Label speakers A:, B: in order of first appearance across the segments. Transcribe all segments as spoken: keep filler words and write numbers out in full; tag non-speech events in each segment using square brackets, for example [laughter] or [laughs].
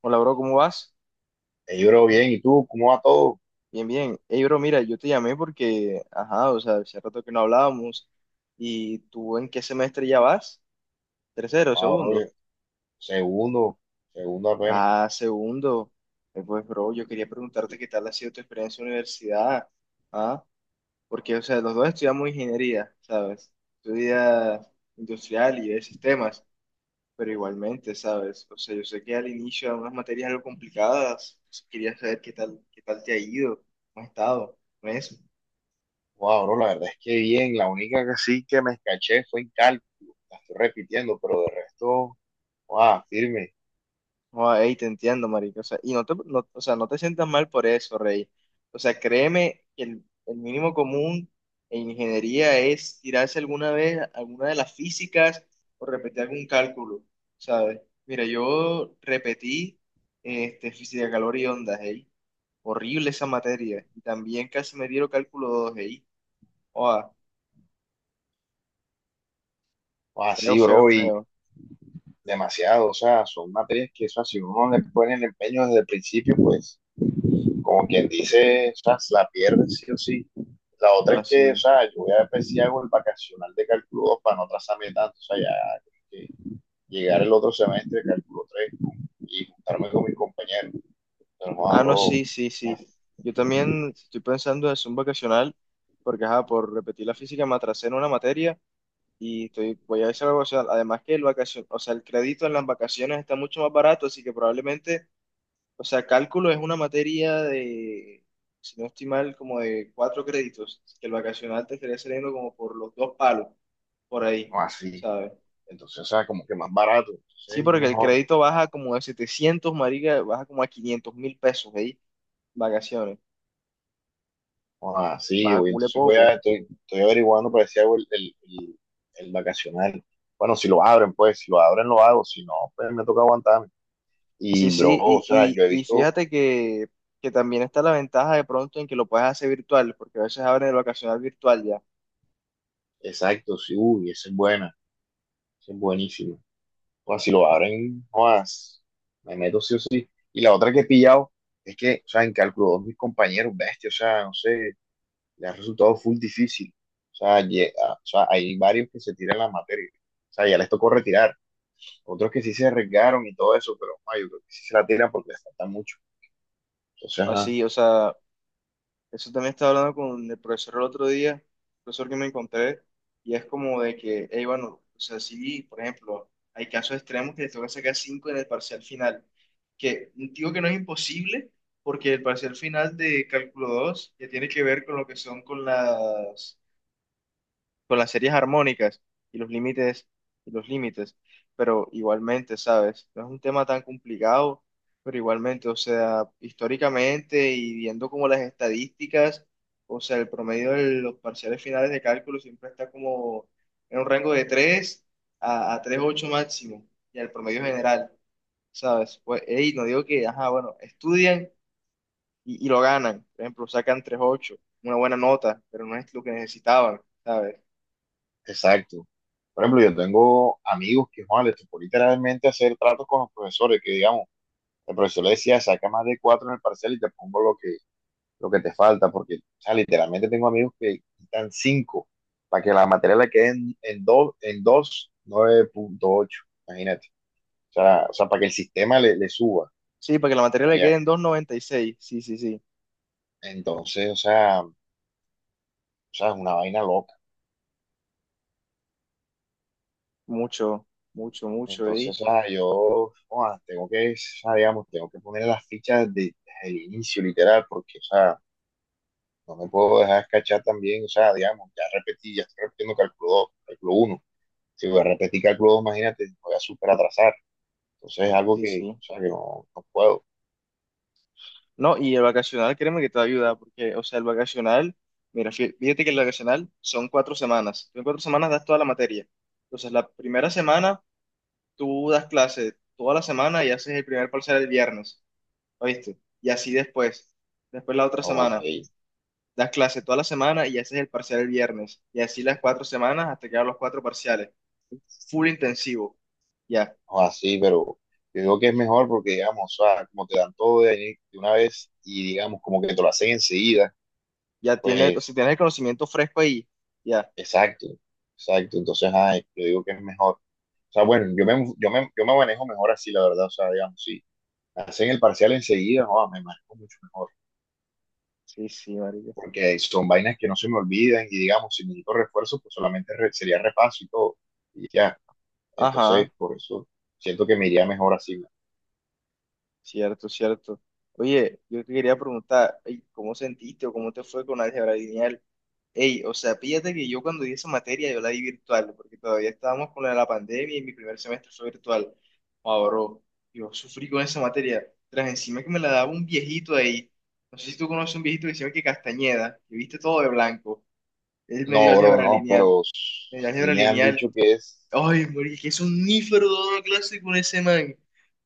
A: Hola, bro, ¿cómo vas?
B: Eh, yo bro, bien, ¿y tú? ¿Cómo va todo?
A: Bien, bien. Hey, bro, mira, yo te llamé porque, ajá, o sea, hace rato que no hablábamos. ¿Y tú en qué semestre ya vas? ¿Tercero,
B: Ah, bro,
A: segundo?
B: yo- segundo, segundo apenas.
A: Ah, segundo. Eh, pues, bro, yo quería preguntarte qué tal ha sido tu experiencia en la universidad. Ah, porque, o sea, los dos estudiamos ingeniería, ¿sabes? Estudia industrial y de sistemas, pero igualmente, ¿sabes? O sea, yo sé que al inicio eran unas materias algo complicadas. Quería saber qué tal, qué tal te ha ido, cómo has estado, ¿no es?
B: Wow, bro, la verdad es que bien, la única que sí que me escaché fue en cálculo, la estoy repitiendo, pero de resto, wow, firme,
A: Joder, ey, te entiendo, marico. O sea, y no te, no- o sea, no te sientas mal por eso, Rey. O sea, créeme que el, el mínimo común en ingeniería es tirarse alguna vez alguna de las físicas o repetir algún cálculo, ¿sabes? Mira, yo repetí este, física de calor y ondas, ey. Horrible esa materia. Y también casi me dieron cálculo dos ey. Joder,
B: wow,
A: feo,
B: sí,
A: feo,
B: bro, y
A: feo.
B: demasiado, o sea, son materias que, o sea, si uno le pone el empeño desde el principio, pues, como quien dice, o sea, se la pierde sí o sí. La otra es que, o
A: Así.
B: sea, yo voy a ver si hago el vacacional de cálculo dos para no atrasarme tanto, o sea, ya, llegar el otro semestre, cálculo tres y juntarme con mis compañeros. Pero no,
A: Ah, no,
B: bro,
A: sí, sí,
B: no
A: sí. Yo también estoy pensando en Zoom vacacional, porque ajá, por repetir la física me atrasé en una materia y estoy, voy a hacer algo, o sea, además que el vacacion, o sea, el crédito en las vacaciones está mucho más barato, así que probablemente, o sea, cálculo es una materia de, si no estoy mal, como de cuatro créditos, que el vacacional te estaría saliendo como por los dos palos, por ahí,
B: así.
A: ¿sabes?
B: Entonces, o sea, como que más barato, entonces
A: Sí,
B: es
A: porque el
B: mejor.
A: crédito baja como de setecientos marica, baja como a quinientos mil pesos ahí, vacaciones.
B: No así,
A: Baja
B: voy.
A: cule
B: Entonces voy
A: poco.
B: a, estoy, estoy averiguando para decir el, el, el, el vacacional. Bueno, si lo abren, pues, si lo abren, lo hago. Si no, pues me toca aguantarme.
A: Sí,
B: Y, bro,
A: sí,
B: o
A: y,
B: sea,
A: y,
B: yo he
A: y
B: visto,
A: fíjate que, que también está la ventaja de pronto en que lo puedes hacer virtual, porque a veces abren el ocasional virtual ya.
B: exacto, sí, uy, esa es buena, esa es buenísima. O sea, si lo abren, jodas, me meto sí o sí. Y la otra que he pillado es que, o sea, en cálculo dos mis compañeros, bestia, o sea, no sé, le ha resultado full difícil. O sea, lle- a- o sea, hay varios que se tiran las materias. O sea, ya les tocó retirar. Otros que sí se arriesgaron y todo eso, pero ay, yo creo que sí se la tiran porque les falta mucho. Entonces, ajá,
A: Así, o sea, eso también estaba hablando con el profesor el otro día, el profesor que me encontré, y es como de que, hey, bueno, o sea, sí, por ejemplo, hay casos extremos que les toca sacar cinco en el parcial final, que digo que no es imposible, porque el parcial final de cálculo dos ya tiene que ver con lo que son con las con las series armónicas y los límites y los límites, pero igualmente, ¿sabes? No es un tema tan complicado, pero igualmente, o sea, históricamente y viendo como las estadísticas, o sea, el promedio de los parciales finales de cálculo siempre está como en un rango de tres a, a tres coma ocho máximo y el promedio general, ¿sabes? Pues, hey, no digo que, ajá, bueno, estudian y, y lo ganan, por ejemplo, sacan tres coma ocho una buena nota, pero no es lo que necesitaban. ¿Sabes?
B: exacto. Por ejemplo, yo tengo amigos que, joder, les tocó literalmente hacer tratos con los profesores, que digamos, el profesor le decía, saca más de cuatro en el parcial y te pongo lo que, lo que te falta, porque o sea, literalmente tengo amigos que quitan cinco para que la materia le quede en, en, do- en dos, nueve punto ocho, imagínate. O sea, o sea, para que el sistema le, le suba.
A: Sí, para que la materia le quede
B: Allá.
A: en dos coma noventa y seis. Sí, sí, sí.
B: Entonces, o sea, o sea, es una vaina loca.
A: Mucho, mucho, mucho, ¿eh?
B: Entonces, o sea, yo joda, tengo que, o sea, digamos, tengo que poner las fichas de- desde el inicio, literal, porque, o sea, no me puedo dejar escachar también, o sea, digamos, ya repetí, ya estoy repitiendo cálculo dos, cálculo uno. Si voy a repetir cálculo dos, imagínate, voy a súper atrasar. Entonces es algo
A: Sí,
B: que,
A: sí.
B: o sea, que no, no puedo,
A: No, y el vacacional, créeme que te va a ayudar, porque, o sea, el vacacional, mira, fí- fíjate que el vacacional son cuatro semanas. Tú en cuatro semanas das toda la materia. Entonces, la primera semana tú das clase toda la semana y haces el primer parcial el viernes, ¿oíste? Y así después. Después la otra
B: o
A: semana
B: que,
A: das clase toda la semana y haces el parcial el viernes. Y así las cuatro semanas hasta quedar los cuatro parciales. Full intensivo. Ya.
B: o así, pero yo digo que es mejor porque, digamos, o sea, como te dan todo de, ahí de una vez y, digamos, como que te lo hacen enseguida,
A: Ya tiene, o sea,
B: pues,
A: tiene el conocimiento fresco ahí. Ya.
B: exacto, exacto. Entonces, ay, yo digo que es mejor. O sea, bueno, yo me, yo me, yo me manejo mejor así, la verdad, o sea, digamos, si hacen el parcial enseguida, no, me manejo mucho mejor,
A: Sí, sí, marica.
B: porque son vainas que no se me olvidan y, digamos, si necesito refuerzo, pues solamente re- sería repaso y todo, y ya.
A: Ajá,
B: Entonces, por eso siento que me iría mejor así.
A: cierto, cierto. Oye, yo te quería preguntar, ey, ¿cómo sentiste o cómo te fue con álgebra lineal? Ey, o sea, píllate que yo cuando di esa materia yo la di virtual, porque todavía estábamos con la, de la pandemia y mi primer semestre fue virtual. Ahora, yo sufrí con esa materia. Tras encima que me la daba un viejito ahí. No sé si tú conoces un viejito que se llama que Castañeda, que viste todo de blanco. Él me dio
B: No, bro,
A: álgebra
B: no,
A: lineal.
B: pero
A: Me dio
B: sí
A: álgebra
B: me han
A: lineal.
B: dicho que es,
A: Ay, marica, es un nífero dando clase con ese man.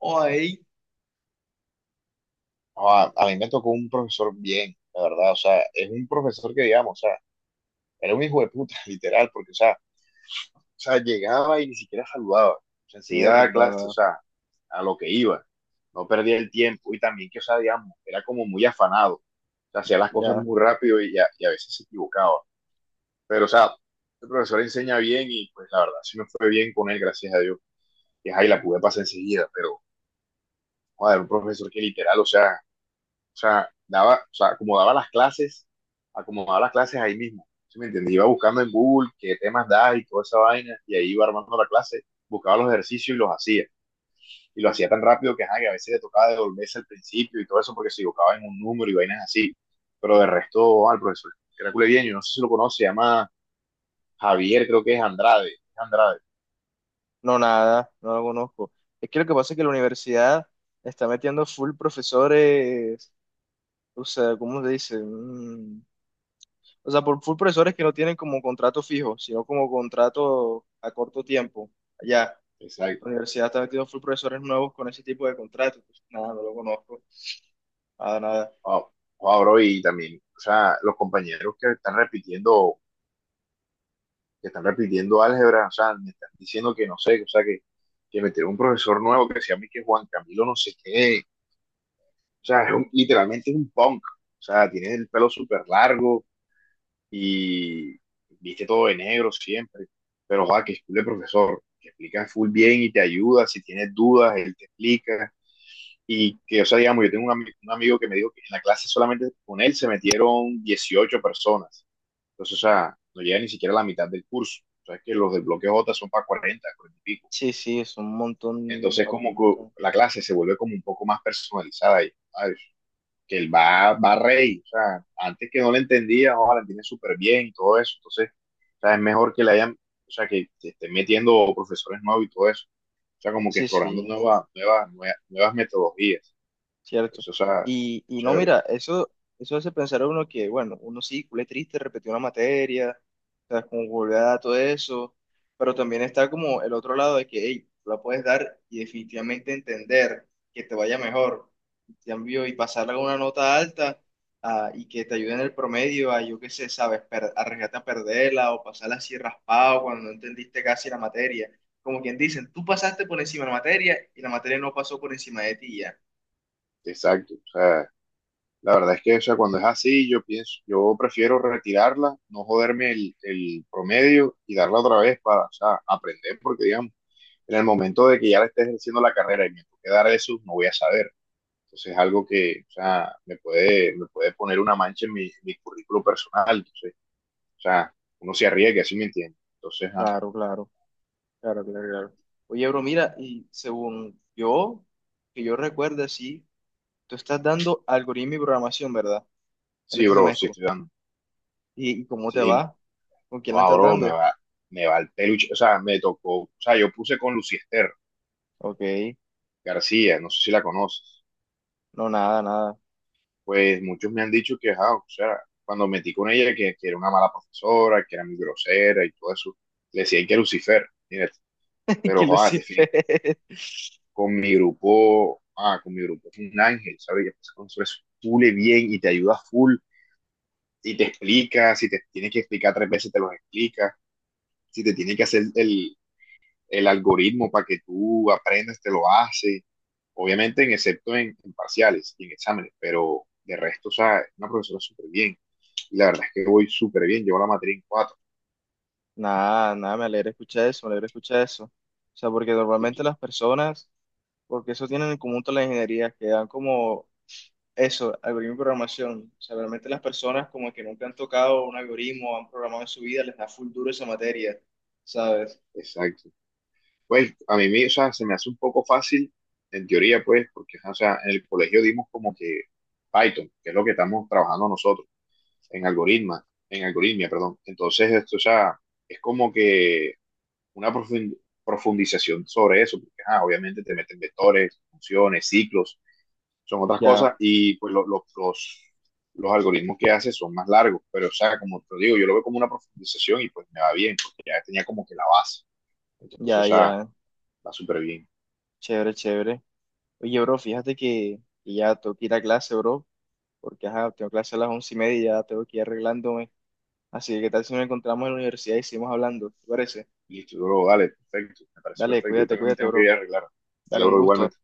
A: Ay,
B: a, a mí me tocó un profesor bien, la verdad, o sea, es un profesor que digamos, o sea, era un hijo de puta, [laughs] literal, porque, o sea, o sea, llegaba y ni siquiera saludaba, o sea, enseguida daba clase, o
A: mierda,
B: sea, a lo que iba, no perdía el tiempo y también que, o sea, digamos, era como muy afanado, o sea, hacía las cosas
A: ya.
B: muy rápido y a, y a veces se equivocaba, pero, o sea, el profesor enseña bien y pues la verdad, sí me fue bien con él, gracias a Dios, y ahí la pude pasar enseguida, pero... Joder, un profesor que literal, o sea, o sea, daba, o sea, acomodaba las clases, acomodaba las clases ahí mismo. ¿Sí me entiendes? Iba buscando en Google qué temas da y toda esa vaina, y ahí iba armando la clase, buscaba los ejercicios y los hacía. Y lo hacía tan rápido que, ajá, que a veces le tocaba devolverse al principio y todo eso porque se equivocaba en un número y vainas así. Pero de resto, al profesor, que era cule bien, yo no sé si lo conoce, se llama Javier, creo que es Andrade. Andrade,
A: No, nada, no lo conozco. Es que lo que pasa es que la universidad está metiendo full profesores, o sea, ¿cómo se dice? Mm, O sea, por full profesores que no tienen como contrato fijo, sino como contrato a corto tiempo. Allá, la
B: exacto.
A: universidad está metiendo full profesores nuevos con ese tipo de contrato. Pues, nada, no lo conozco. Nada, nada.
B: Wow, wow, bro, y también, o sea, los compañeros que están repitiendo que están repitiendo álgebra, o sea, me están diciendo que no sé, o sea, que, que, metieron un profesor nuevo que se llama que Juan Camilo no sé qué, o sea, es un- literalmente es un punk, o sea, tiene el pelo súper largo y viste todo de negro siempre, pero joder, que es cool el profesor, que explica full bien y te ayuda, si tienes dudas, él te explica, y que, o sea, digamos, yo tengo un, ami- un amigo que me dijo que en la clase solamente con él se metieron dieciocho personas, entonces, o sea, no llega ni siquiera a la mitad del curso. O sea, es que los del bloque J son para cuarenta 40 y pico.
A: Sí, sí, es un montón,
B: Entonces,
A: papu, un
B: como que
A: montón.
B: la clase se vuelve como un poco más personalizada y, ay, que él va, va rey. O sea, antes que no le entendía, ahora la entiende súper bien y todo eso. Entonces, o sea, es mejor que le hayan, o sea, que te estén metiendo profesores nuevos y todo eso. O sea, como que
A: Sí,
B: explorando
A: sí.
B: nuevas, nuevas, nuevas, nuevas metodologías.
A: Cierto.
B: Entonces, o sea,
A: Y, y no,
B: chévere.
A: mira, eso, eso hace pensar a uno que, bueno, uno sí, culé triste, repetió una materia, o sea, como volver a dar todo eso, pero también está como el otro lado de que, hey, la puedes dar y definitivamente entender que te vaya mejor, y cambio, y pasarla con una nota alta, ah, y que te ayude en el promedio a, yo qué sé, sabes, per- arriesgarte a perderla o pasarla así raspado cuando no entendiste casi la materia. Como quien dicen, tú pasaste por encima de la materia y la materia no pasó por encima de ti ya.
B: Exacto. O sea, la verdad es que, o sea, cuando es así, yo pienso, yo prefiero retirarla, no joderme el, el promedio y darla otra vez para, o sea, aprender, porque digamos, en el momento de que ya la esté ejerciendo la carrera y me toque dar eso, no voy a saber. Entonces es algo que, o sea, me puede, me puede poner una mancha en mi, en mi currículo personal. Entonces, o sea, uno se arriesga, sí me entiende. Entonces, ah,
A: Claro, claro, claro, claro, claro. Oye, bro, mira, y según yo, que yo recuerde, sí, tú estás dando algoritmo y programación, ¿verdad? En
B: sí,
A: este
B: bro, sí
A: semestre.
B: estoy dando.
A: ¿Y, y cómo te
B: Sí,
A: va? ¿Con quién la
B: wow,
A: estás
B: bro, me
A: dando?
B: va, me va el peluche. O sea, me tocó, o sea, yo puse con Luciester
A: Ok,
B: García, no sé si la conoces.
A: no, nada, nada.
B: Pues muchos me han dicho que, ah, o sea, cuando metí con ella, que, que era una mala profesora, que era muy grosera y todo eso, le decían que Lucifer, mira,
A: [laughs]
B: pero,
A: Qué
B: joder, definí,
A: lucifer.
B: con mi grupo, ah, con mi grupo es un ángel, ¿sabes? Y entonces con eso es full y bien y te ayuda full y te explica, si te tienes que explicar tres veces, te los explica, si te tiene que hacer el, el algoritmo para que tú aprendas, te lo hace, obviamente, en, excepto en, en parciales y en exámenes, pero de resto, o sea, es una profesora súper bien. Y la verdad es que voy súper bien, llevo la materia en cuatro.
A: Nada, nada, me alegra escuchar eso, me alegra escuchar eso. O sea, porque normalmente
B: Y-
A: las personas, porque eso tienen en común todas las ingenierías, que dan como eso, algoritmo y programación. O sea, realmente las personas como que nunca han tocado un algoritmo, han programado en su vida, les da full duro esa materia, ¿sabes?
B: exacto. Pues a mí, me- o sea, se me hace un poco fácil, en teoría, pues, porque, o sea, en el colegio dimos como que Python, que es lo que estamos trabajando nosotros, en algoritma, en algoritmia, perdón. Entonces, esto, o sea, es como que una profund- profundización sobre eso, porque, ah, obviamente te meten vectores, funciones, ciclos, son otras
A: Ya,
B: cosas y pues lo- lo- los, los algoritmos que hace son más largos, pero o sea, como te digo, yo lo veo como una profundización y pues me va bien, porque ya tenía como que la base, entonces o
A: ya,
B: sea,
A: ya,
B: va súper bien.
A: chévere, chévere. Oye, bro, fíjate que, que ya tengo que ir a clase, bro, porque ajá, tengo clase a las once y media y ya tengo que ir arreglándome. Así que, ¿qué tal si nos encontramos en la universidad y seguimos hablando? ¿Te parece?
B: Listo, luego dale, perfecto, me parece
A: Dale,
B: perfecto, yo
A: cuídate,
B: también me
A: cuídate,
B: tengo que
A: bro.
B: ir a arreglar.
A: Dale,
B: Dale,
A: un
B: bro,
A: gusto.
B: igualmente.